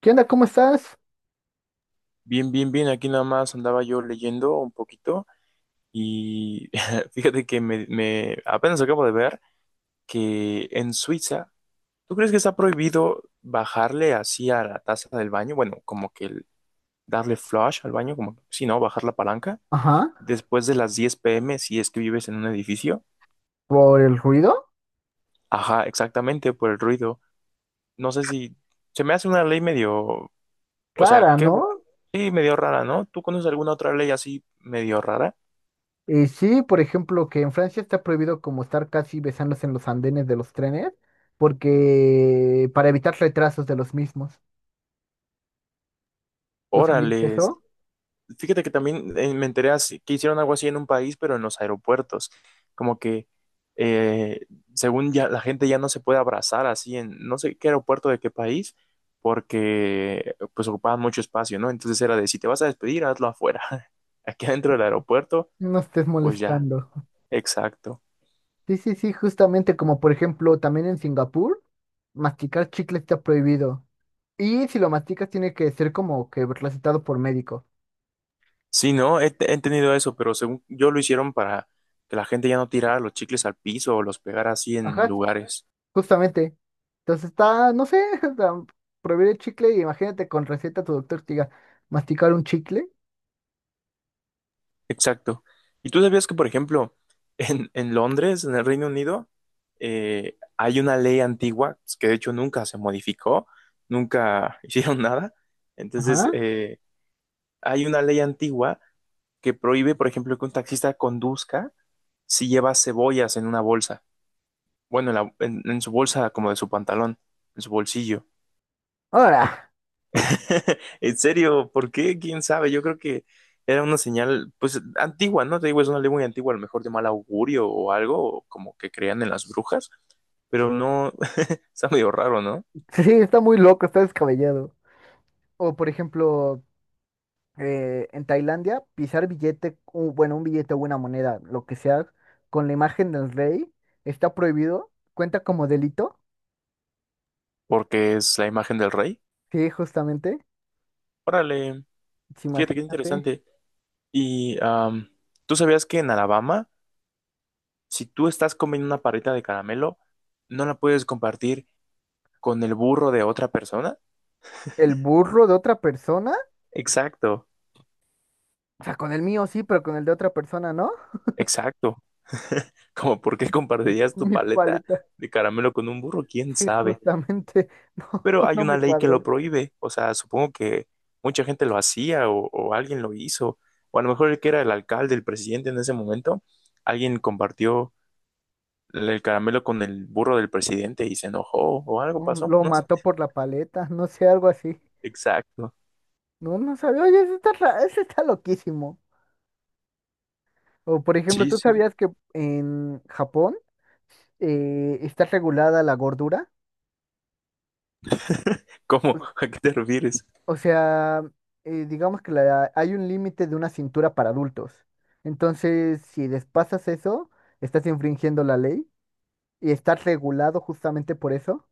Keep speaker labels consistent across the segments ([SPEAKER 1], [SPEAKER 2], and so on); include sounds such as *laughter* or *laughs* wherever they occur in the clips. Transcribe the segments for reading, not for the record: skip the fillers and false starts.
[SPEAKER 1] ¿Qué onda? ¿Cómo estás?
[SPEAKER 2] Bien, bien, bien. Aquí nada más andaba yo leyendo un poquito y *laughs* fíjate que apenas acabo de ver que en Suiza, ¿tú crees que está prohibido bajarle así a la taza del baño? Bueno, como que darle flush al baño, como si no, bajar la palanca
[SPEAKER 1] Ajá.
[SPEAKER 2] después de las 10 p. m. si es que vives en un edificio.
[SPEAKER 1] ¿Por el ruido?
[SPEAKER 2] Ajá, exactamente, por el ruido. No sé si se me hace una ley medio, o sea,
[SPEAKER 1] Clara, ¿no?
[SPEAKER 2] sí, medio rara, ¿no? ¿Tú conoces alguna otra ley así medio rara?
[SPEAKER 1] Y sí, por ejemplo, que en Francia está prohibido como estar casi besándose en los andenes de los trenes, porque para evitar retrasos de los mismos. ¿Tú sabías
[SPEAKER 2] Órale,
[SPEAKER 1] eso?
[SPEAKER 2] fíjate que también me enteré que hicieron algo así en un país, pero en los aeropuertos. Como que, eh, según ya la gente ya no se puede abrazar así en no sé qué aeropuerto de qué país, porque pues ocupaban mucho espacio, ¿no? Entonces era de si te vas a despedir, hazlo afuera. *laughs* Aquí adentro del aeropuerto,
[SPEAKER 1] No estés
[SPEAKER 2] pues ya,
[SPEAKER 1] molestando.
[SPEAKER 2] exacto.
[SPEAKER 1] Sí, sí, sí, justamente como por ejemplo también en Singapur, masticar chicle está prohibido. Y si lo masticas tiene que ser como que recetado por médico.
[SPEAKER 2] Sí, no, he entendido eso, pero según yo lo hicieron para que la gente ya no tirara los chicles al piso o los pegara así en
[SPEAKER 1] Ajá,
[SPEAKER 2] lugares.
[SPEAKER 1] justamente. Entonces está, no sé, *laughs* o sea, prohibir el chicle y imagínate con receta tu doctor te diga, masticar un chicle.
[SPEAKER 2] Exacto. ¿Y tú sabías que, por ejemplo, en Londres, en el Reino Unido, hay una ley antigua pues, que de hecho nunca se modificó, nunca *laughs* hicieron nada? Entonces,
[SPEAKER 1] Ajá.
[SPEAKER 2] hay una ley antigua que prohíbe, por ejemplo, que un taxista conduzca si lleva cebollas en una bolsa, bueno, en su bolsa como de su pantalón, en su bolsillo.
[SPEAKER 1] Ahora,
[SPEAKER 2] *laughs* En serio, ¿por qué? ¿Quién sabe? Yo creo que era una señal, pues, antigua, ¿no? Te digo, es una ley muy antigua, a lo mejor de mal augurio o algo, o como que creían en las brujas, pero no, *laughs* está medio raro, ¿no?
[SPEAKER 1] *laughs* sí, está muy loco, está descabellado. O por ejemplo, en Tailandia, pisar billete, bueno, un billete o una moneda, lo que sea, con la imagen del rey, está prohibido, cuenta como delito.
[SPEAKER 2] Porque es la imagen del rey.
[SPEAKER 1] Sí, justamente.
[SPEAKER 2] Órale,
[SPEAKER 1] Sí,
[SPEAKER 2] fíjate qué
[SPEAKER 1] imagínate.
[SPEAKER 2] interesante. Y tú sabías que en Alabama, si tú estás comiendo una parrita de caramelo, no la puedes compartir con el burro de otra persona.
[SPEAKER 1] El burro de otra persona,
[SPEAKER 2] Exacto,
[SPEAKER 1] o sea, con el mío sí, pero con el de otra persona, ¿no?
[SPEAKER 2] exacto. Como por qué
[SPEAKER 1] *laughs*
[SPEAKER 2] compartirías tu
[SPEAKER 1] Mi
[SPEAKER 2] paleta
[SPEAKER 1] paleta.
[SPEAKER 2] de caramelo con un burro, quién
[SPEAKER 1] Sí,
[SPEAKER 2] sabe.
[SPEAKER 1] justamente, *laughs* no,
[SPEAKER 2] Pero hay
[SPEAKER 1] no
[SPEAKER 2] una
[SPEAKER 1] me
[SPEAKER 2] ley que lo
[SPEAKER 1] cuadró.
[SPEAKER 2] prohíbe. O sea, supongo que mucha gente lo hacía o alguien lo hizo. O a lo mejor el que era el alcalde, el presidente en ese momento, alguien compartió el caramelo con el burro del presidente y se enojó o algo pasó.
[SPEAKER 1] Lo
[SPEAKER 2] No sé.
[SPEAKER 1] mató por la paleta, no sé, algo así.
[SPEAKER 2] Exacto.
[SPEAKER 1] No, no sabía, oye, eso está loquísimo. O por ejemplo,
[SPEAKER 2] Sí,
[SPEAKER 1] ¿tú
[SPEAKER 2] sí.
[SPEAKER 1] sabías que en Japón está regulada la gordura?
[SPEAKER 2] ¿Cómo? *laughs* ¿A qué te refieres?
[SPEAKER 1] O sea, digamos que hay un límite de una cintura para adultos. Entonces, si despasas eso, estás infringiendo la ley y estás regulado justamente por eso.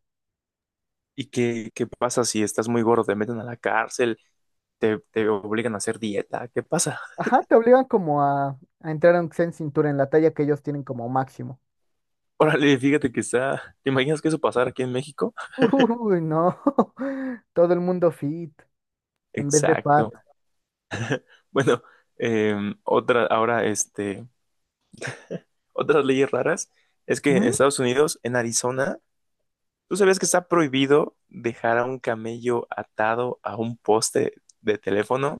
[SPEAKER 2] ¿Y qué, qué pasa si estás muy gordo? ¿Te meten a la cárcel? ¿Te, te obligan a hacer dieta? ¿Qué pasa?
[SPEAKER 1] Ajá, te obligan como a entrar aunque sea en cintura en la talla que ellos tienen como máximo.
[SPEAKER 2] Órale, fíjate que está. ¿Te imaginas que eso pasara aquí en México?
[SPEAKER 1] Uy, no. *laughs* Todo el mundo fit en vez de fat.
[SPEAKER 2] Exacto. Bueno, otra, ahora, este, otras leyes raras es que en
[SPEAKER 1] ¿Mm?
[SPEAKER 2] Estados Unidos, en Arizona, ¿tú sabías que está prohibido dejar a un camello atado a un poste de teléfono?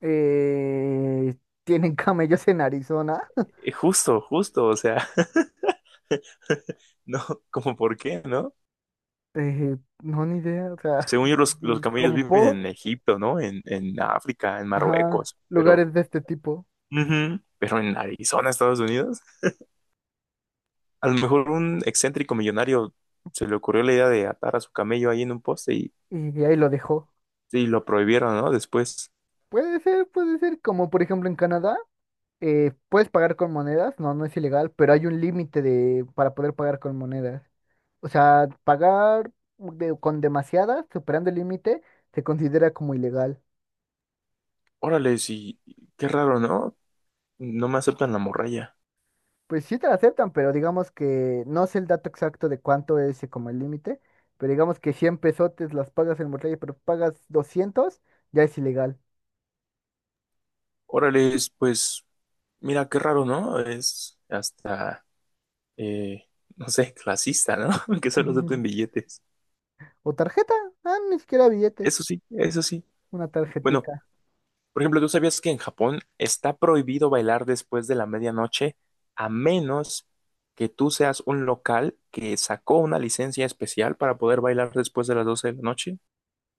[SPEAKER 1] Eh, ¿Tienen *laughs* camellos en Arizona?
[SPEAKER 2] Justo, justo, o sea, *laughs* no, como por qué, ¿no?
[SPEAKER 1] Eh, no, ni idea. O sea,
[SPEAKER 2] Según yo, los camellos
[SPEAKER 1] como
[SPEAKER 2] viven
[SPEAKER 1] por,
[SPEAKER 2] en Egipto, ¿no? En África, en
[SPEAKER 1] ajá,
[SPEAKER 2] Marruecos, pero,
[SPEAKER 1] lugares de este tipo.
[SPEAKER 2] ujú. Pero en Arizona, Estados Unidos. A lo mejor un excéntrico millonario se le ocurrió la idea de atar a su camello ahí en un poste
[SPEAKER 1] Y ahí lo dejó.
[SPEAKER 2] y lo prohibieron, ¿no? Después,
[SPEAKER 1] Puede ser, puede ser. Como por ejemplo en Canadá, puedes pagar con monedas. No, no es ilegal, pero hay un límite de para poder pagar con monedas. O sea, pagar con demasiadas, superando el límite, se considera como ilegal.
[SPEAKER 2] órale, sí, qué raro, ¿no? No me aceptan la morralla.
[SPEAKER 1] Pues sí te la aceptan, pero digamos que no sé el dato exacto de cuánto es como el límite, pero digamos que 100 pesotes las pagas en Monterrey, pero pagas 200, ya es ilegal.
[SPEAKER 2] Órale, pues, mira, qué raro, ¿no? Es hasta, eh, no sé, clasista, ¿no? *laughs* Que solo acepten
[SPEAKER 1] *laughs*
[SPEAKER 2] billetes.
[SPEAKER 1] O tarjeta, ah, ni siquiera billetes,
[SPEAKER 2] Eso sí, eso sí.
[SPEAKER 1] una
[SPEAKER 2] Bueno,
[SPEAKER 1] tarjetica.
[SPEAKER 2] por ejemplo, ¿tú sabías que en Japón está prohibido bailar después de la medianoche a menos que tú seas un local que sacó una licencia especial para poder bailar después de las 12 de la noche?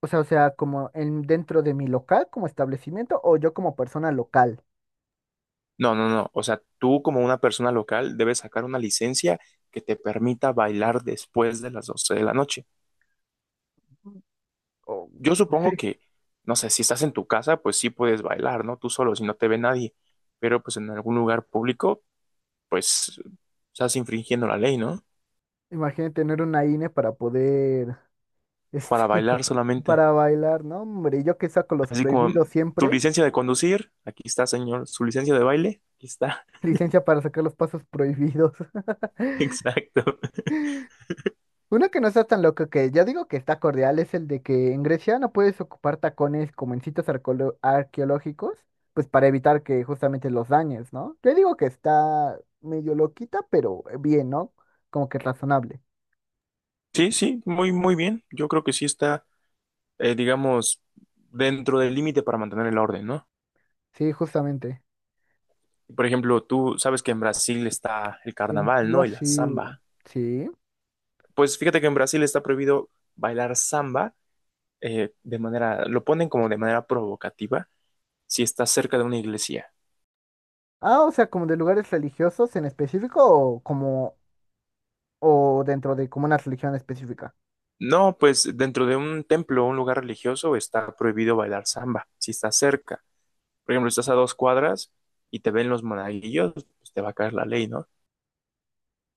[SPEAKER 1] O sea, como en dentro de mi local como establecimiento o yo como persona local.
[SPEAKER 2] No, no, no. O sea, tú como una persona local debes sacar una licencia que te permita bailar después de las 12 de la noche.
[SPEAKER 1] O
[SPEAKER 2] Yo supongo que, no sé, si estás en tu casa, pues sí puedes bailar, ¿no? Tú solo, si no te ve nadie. Pero pues en algún lugar público, pues estás infringiendo la ley, ¿no?
[SPEAKER 1] imagínate tener una INE para poder,
[SPEAKER 2] Para
[SPEAKER 1] este,
[SPEAKER 2] bailar
[SPEAKER 1] *laughs*
[SPEAKER 2] solamente.
[SPEAKER 1] para bailar, ¿no? Hombre, yo que saco los
[SPEAKER 2] Así como
[SPEAKER 1] prohibidos
[SPEAKER 2] tu
[SPEAKER 1] siempre,
[SPEAKER 2] licencia de conducir, aquí está, señor. Su licencia de baile, aquí está.
[SPEAKER 1] licencia para sacar los pasos prohibidos. *laughs*
[SPEAKER 2] *laughs* Exacto.
[SPEAKER 1] Uno que no está tan loco que yo digo que está cordial es el de que en Grecia no puedes ocupar tacones como en sitios arqueológicos, pues para evitar que justamente los dañes, ¿no? Yo digo que está medio loquita, pero bien, ¿no? Como que razonable.
[SPEAKER 2] Sí, sí, muy, muy bien. Yo creo que sí está, digamos, dentro del límite para mantener el orden, ¿no?
[SPEAKER 1] Sí, justamente.
[SPEAKER 2] Por ejemplo, tú sabes que en Brasil está el
[SPEAKER 1] En
[SPEAKER 2] carnaval, ¿no? Y la
[SPEAKER 1] Brasil.
[SPEAKER 2] samba.
[SPEAKER 1] Sí.
[SPEAKER 2] Pues fíjate que en Brasil está prohibido bailar samba de manera, lo ponen como de manera provocativa si estás cerca de una iglesia.
[SPEAKER 1] Ah, o sea, como de lugares religiosos en específico o dentro de como una religión específica.
[SPEAKER 2] No, pues dentro de un templo o un lugar religioso está prohibido bailar samba si estás cerca. Por ejemplo, si estás a dos cuadras y te ven los monaguillos, pues te va a caer la ley, ¿no?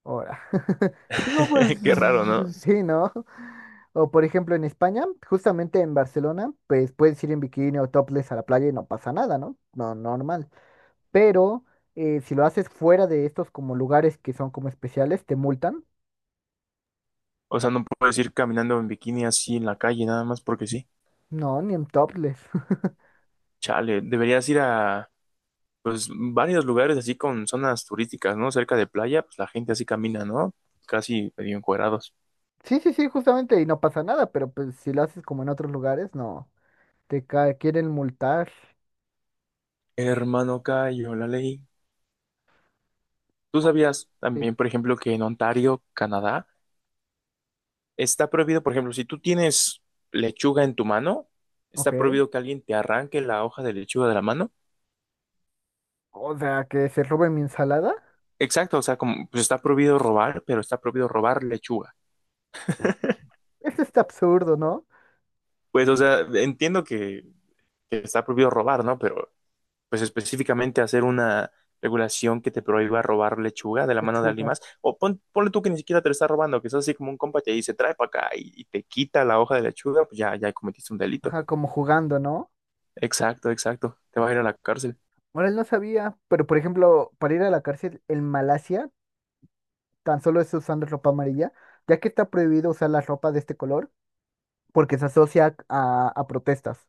[SPEAKER 1] Ahora. *laughs* No, pues
[SPEAKER 2] *laughs* Qué raro, ¿no?
[SPEAKER 1] sí, ¿no? O por ejemplo en España, justamente en Barcelona, pues puedes ir en bikini o topless a la playa y no pasa nada, ¿no? No, normal. Pero si lo haces fuera de estos como lugares que son como especiales, te multan.
[SPEAKER 2] O sea, no puedes ir caminando en bikini así en la calle, nada más porque sí.
[SPEAKER 1] No, ni en topless. *laughs*
[SPEAKER 2] Chale, deberías ir a, pues, varios lugares así con zonas turísticas, ¿no? Cerca de playa, pues la gente así camina, ¿no? Casi medio encuerados.
[SPEAKER 1] Sí, sí, sí, justamente, y no pasa nada, pero pues si lo haces como en otros lugares, no, quieren multar.
[SPEAKER 2] Hermano, cayó la ley. ¿Tú sabías
[SPEAKER 1] Sí.
[SPEAKER 2] también, por ejemplo, que en Ontario, Canadá, está prohibido, por ejemplo, si tú tienes lechuga en tu mano,
[SPEAKER 1] Ok.
[SPEAKER 2] está prohibido que alguien te arranque la hoja de lechuga de la mano?
[SPEAKER 1] O sea, que se roben mi ensalada.
[SPEAKER 2] Exacto, o sea, como pues está prohibido robar, pero está prohibido robar lechuga.
[SPEAKER 1] *laughs* Eso está absurdo, ¿no?
[SPEAKER 2] Pues, o sea, entiendo que está prohibido robar, ¿no? Pero, pues específicamente hacer una regulación que te prohíba robar lechuga de la mano de alguien
[SPEAKER 1] Lechugas.
[SPEAKER 2] más, o ponle tú que ni siquiera te lo está robando, que es así como un compa te dice, trae para acá y te quita la hoja de lechuga, pues ya, ya cometiste un delito.
[SPEAKER 1] Ajá, como jugando, ¿no?
[SPEAKER 2] Exacto, exacto, te vas a ir a la cárcel.
[SPEAKER 1] Ahora él no sabía, pero por ejemplo, para ir a la cárcel en Malasia, tan solo es usando ropa amarilla, ya que está prohibido usar la ropa de este color porque se asocia a protestas.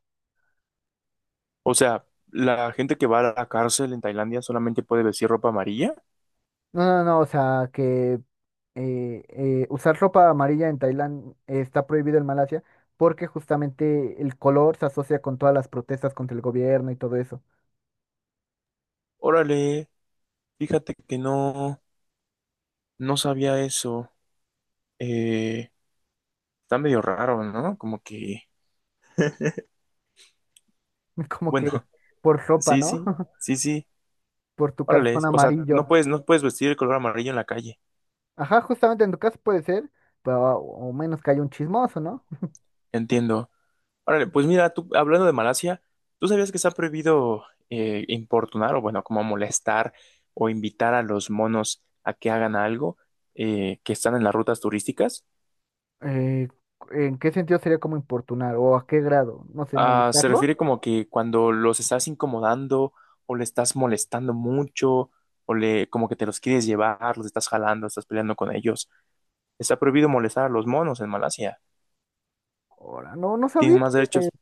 [SPEAKER 2] O sea, la gente que va a la cárcel en Tailandia solamente puede vestir ropa amarilla.
[SPEAKER 1] No, no, no, o sea, que usar ropa amarilla en Tailandia está prohibido en Malasia porque justamente el color se asocia con todas las protestas contra el gobierno y todo eso.
[SPEAKER 2] Órale, fíjate que no, no sabía eso. Eh, está medio raro, ¿no? Como que,
[SPEAKER 1] *laughs* Como
[SPEAKER 2] bueno,
[SPEAKER 1] que
[SPEAKER 2] *laughs*
[SPEAKER 1] por ropa,
[SPEAKER 2] sí,
[SPEAKER 1] ¿no?
[SPEAKER 2] sí,
[SPEAKER 1] *laughs*
[SPEAKER 2] sí, sí.
[SPEAKER 1] Por tu
[SPEAKER 2] Órale,
[SPEAKER 1] calzón
[SPEAKER 2] o sea, no
[SPEAKER 1] amarillo.
[SPEAKER 2] puedes, no puedes vestir el color amarillo en la calle.
[SPEAKER 1] Ajá, justamente en tu caso puede ser, pero o menos que haya un chismoso, ¿no?
[SPEAKER 2] Entiendo. Órale, pues mira, tú, hablando de Malasia, ¿tú sabías que se ha prohibido importunar o, bueno, como molestar o invitar a los monos a que hagan algo que están en las rutas turísticas?
[SPEAKER 1] Eh, ¿En qué sentido sería como importunar? ¿O a qué grado? No sé,
[SPEAKER 2] Ah, se
[SPEAKER 1] molestarlo.
[SPEAKER 2] refiere como que cuando los estás incomodando o le estás molestando mucho o le, como que te los quieres llevar, los estás jalando, estás peleando con ellos. Está prohibido molestar a los monos en Malasia.
[SPEAKER 1] Ahora, no, no sabía
[SPEAKER 2] Tienen más
[SPEAKER 1] que,
[SPEAKER 2] derechos,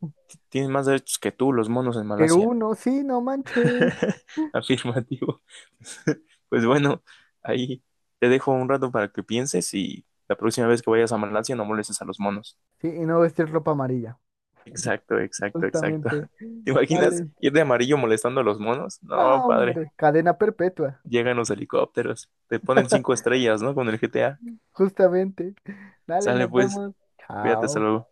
[SPEAKER 2] tienen más derechos que tú, los monos en
[SPEAKER 1] que
[SPEAKER 2] Malasia.
[SPEAKER 1] uno, sí, no manches.
[SPEAKER 2] *laughs* Afirmativo. *laughs* Pues bueno, ahí te dejo un rato para que pienses y la próxima vez que vayas a Malasia no molestes a los monos.
[SPEAKER 1] Sí, y no vestir ropa amarilla.
[SPEAKER 2] Exacto, exacto, exacto.
[SPEAKER 1] Justamente.
[SPEAKER 2] *laughs* ¿Te imaginas
[SPEAKER 1] Vale.
[SPEAKER 2] ir de amarillo molestando a los monos? No,
[SPEAKER 1] No,
[SPEAKER 2] padre.
[SPEAKER 1] hombre, cadena perpetua.
[SPEAKER 2] Llegan los helicópteros, te ponen cinco
[SPEAKER 1] *laughs*
[SPEAKER 2] estrellas, ¿no? Con el GTA.
[SPEAKER 1] Justamente. Dale,
[SPEAKER 2] Sale
[SPEAKER 1] nos
[SPEAKER 2] pues,
[SPEAKER 1] vemos.
[SPEAKER 2] cuídate, hasta
[SPEAKER 1] Chao.
[SPEAKER 2] luego.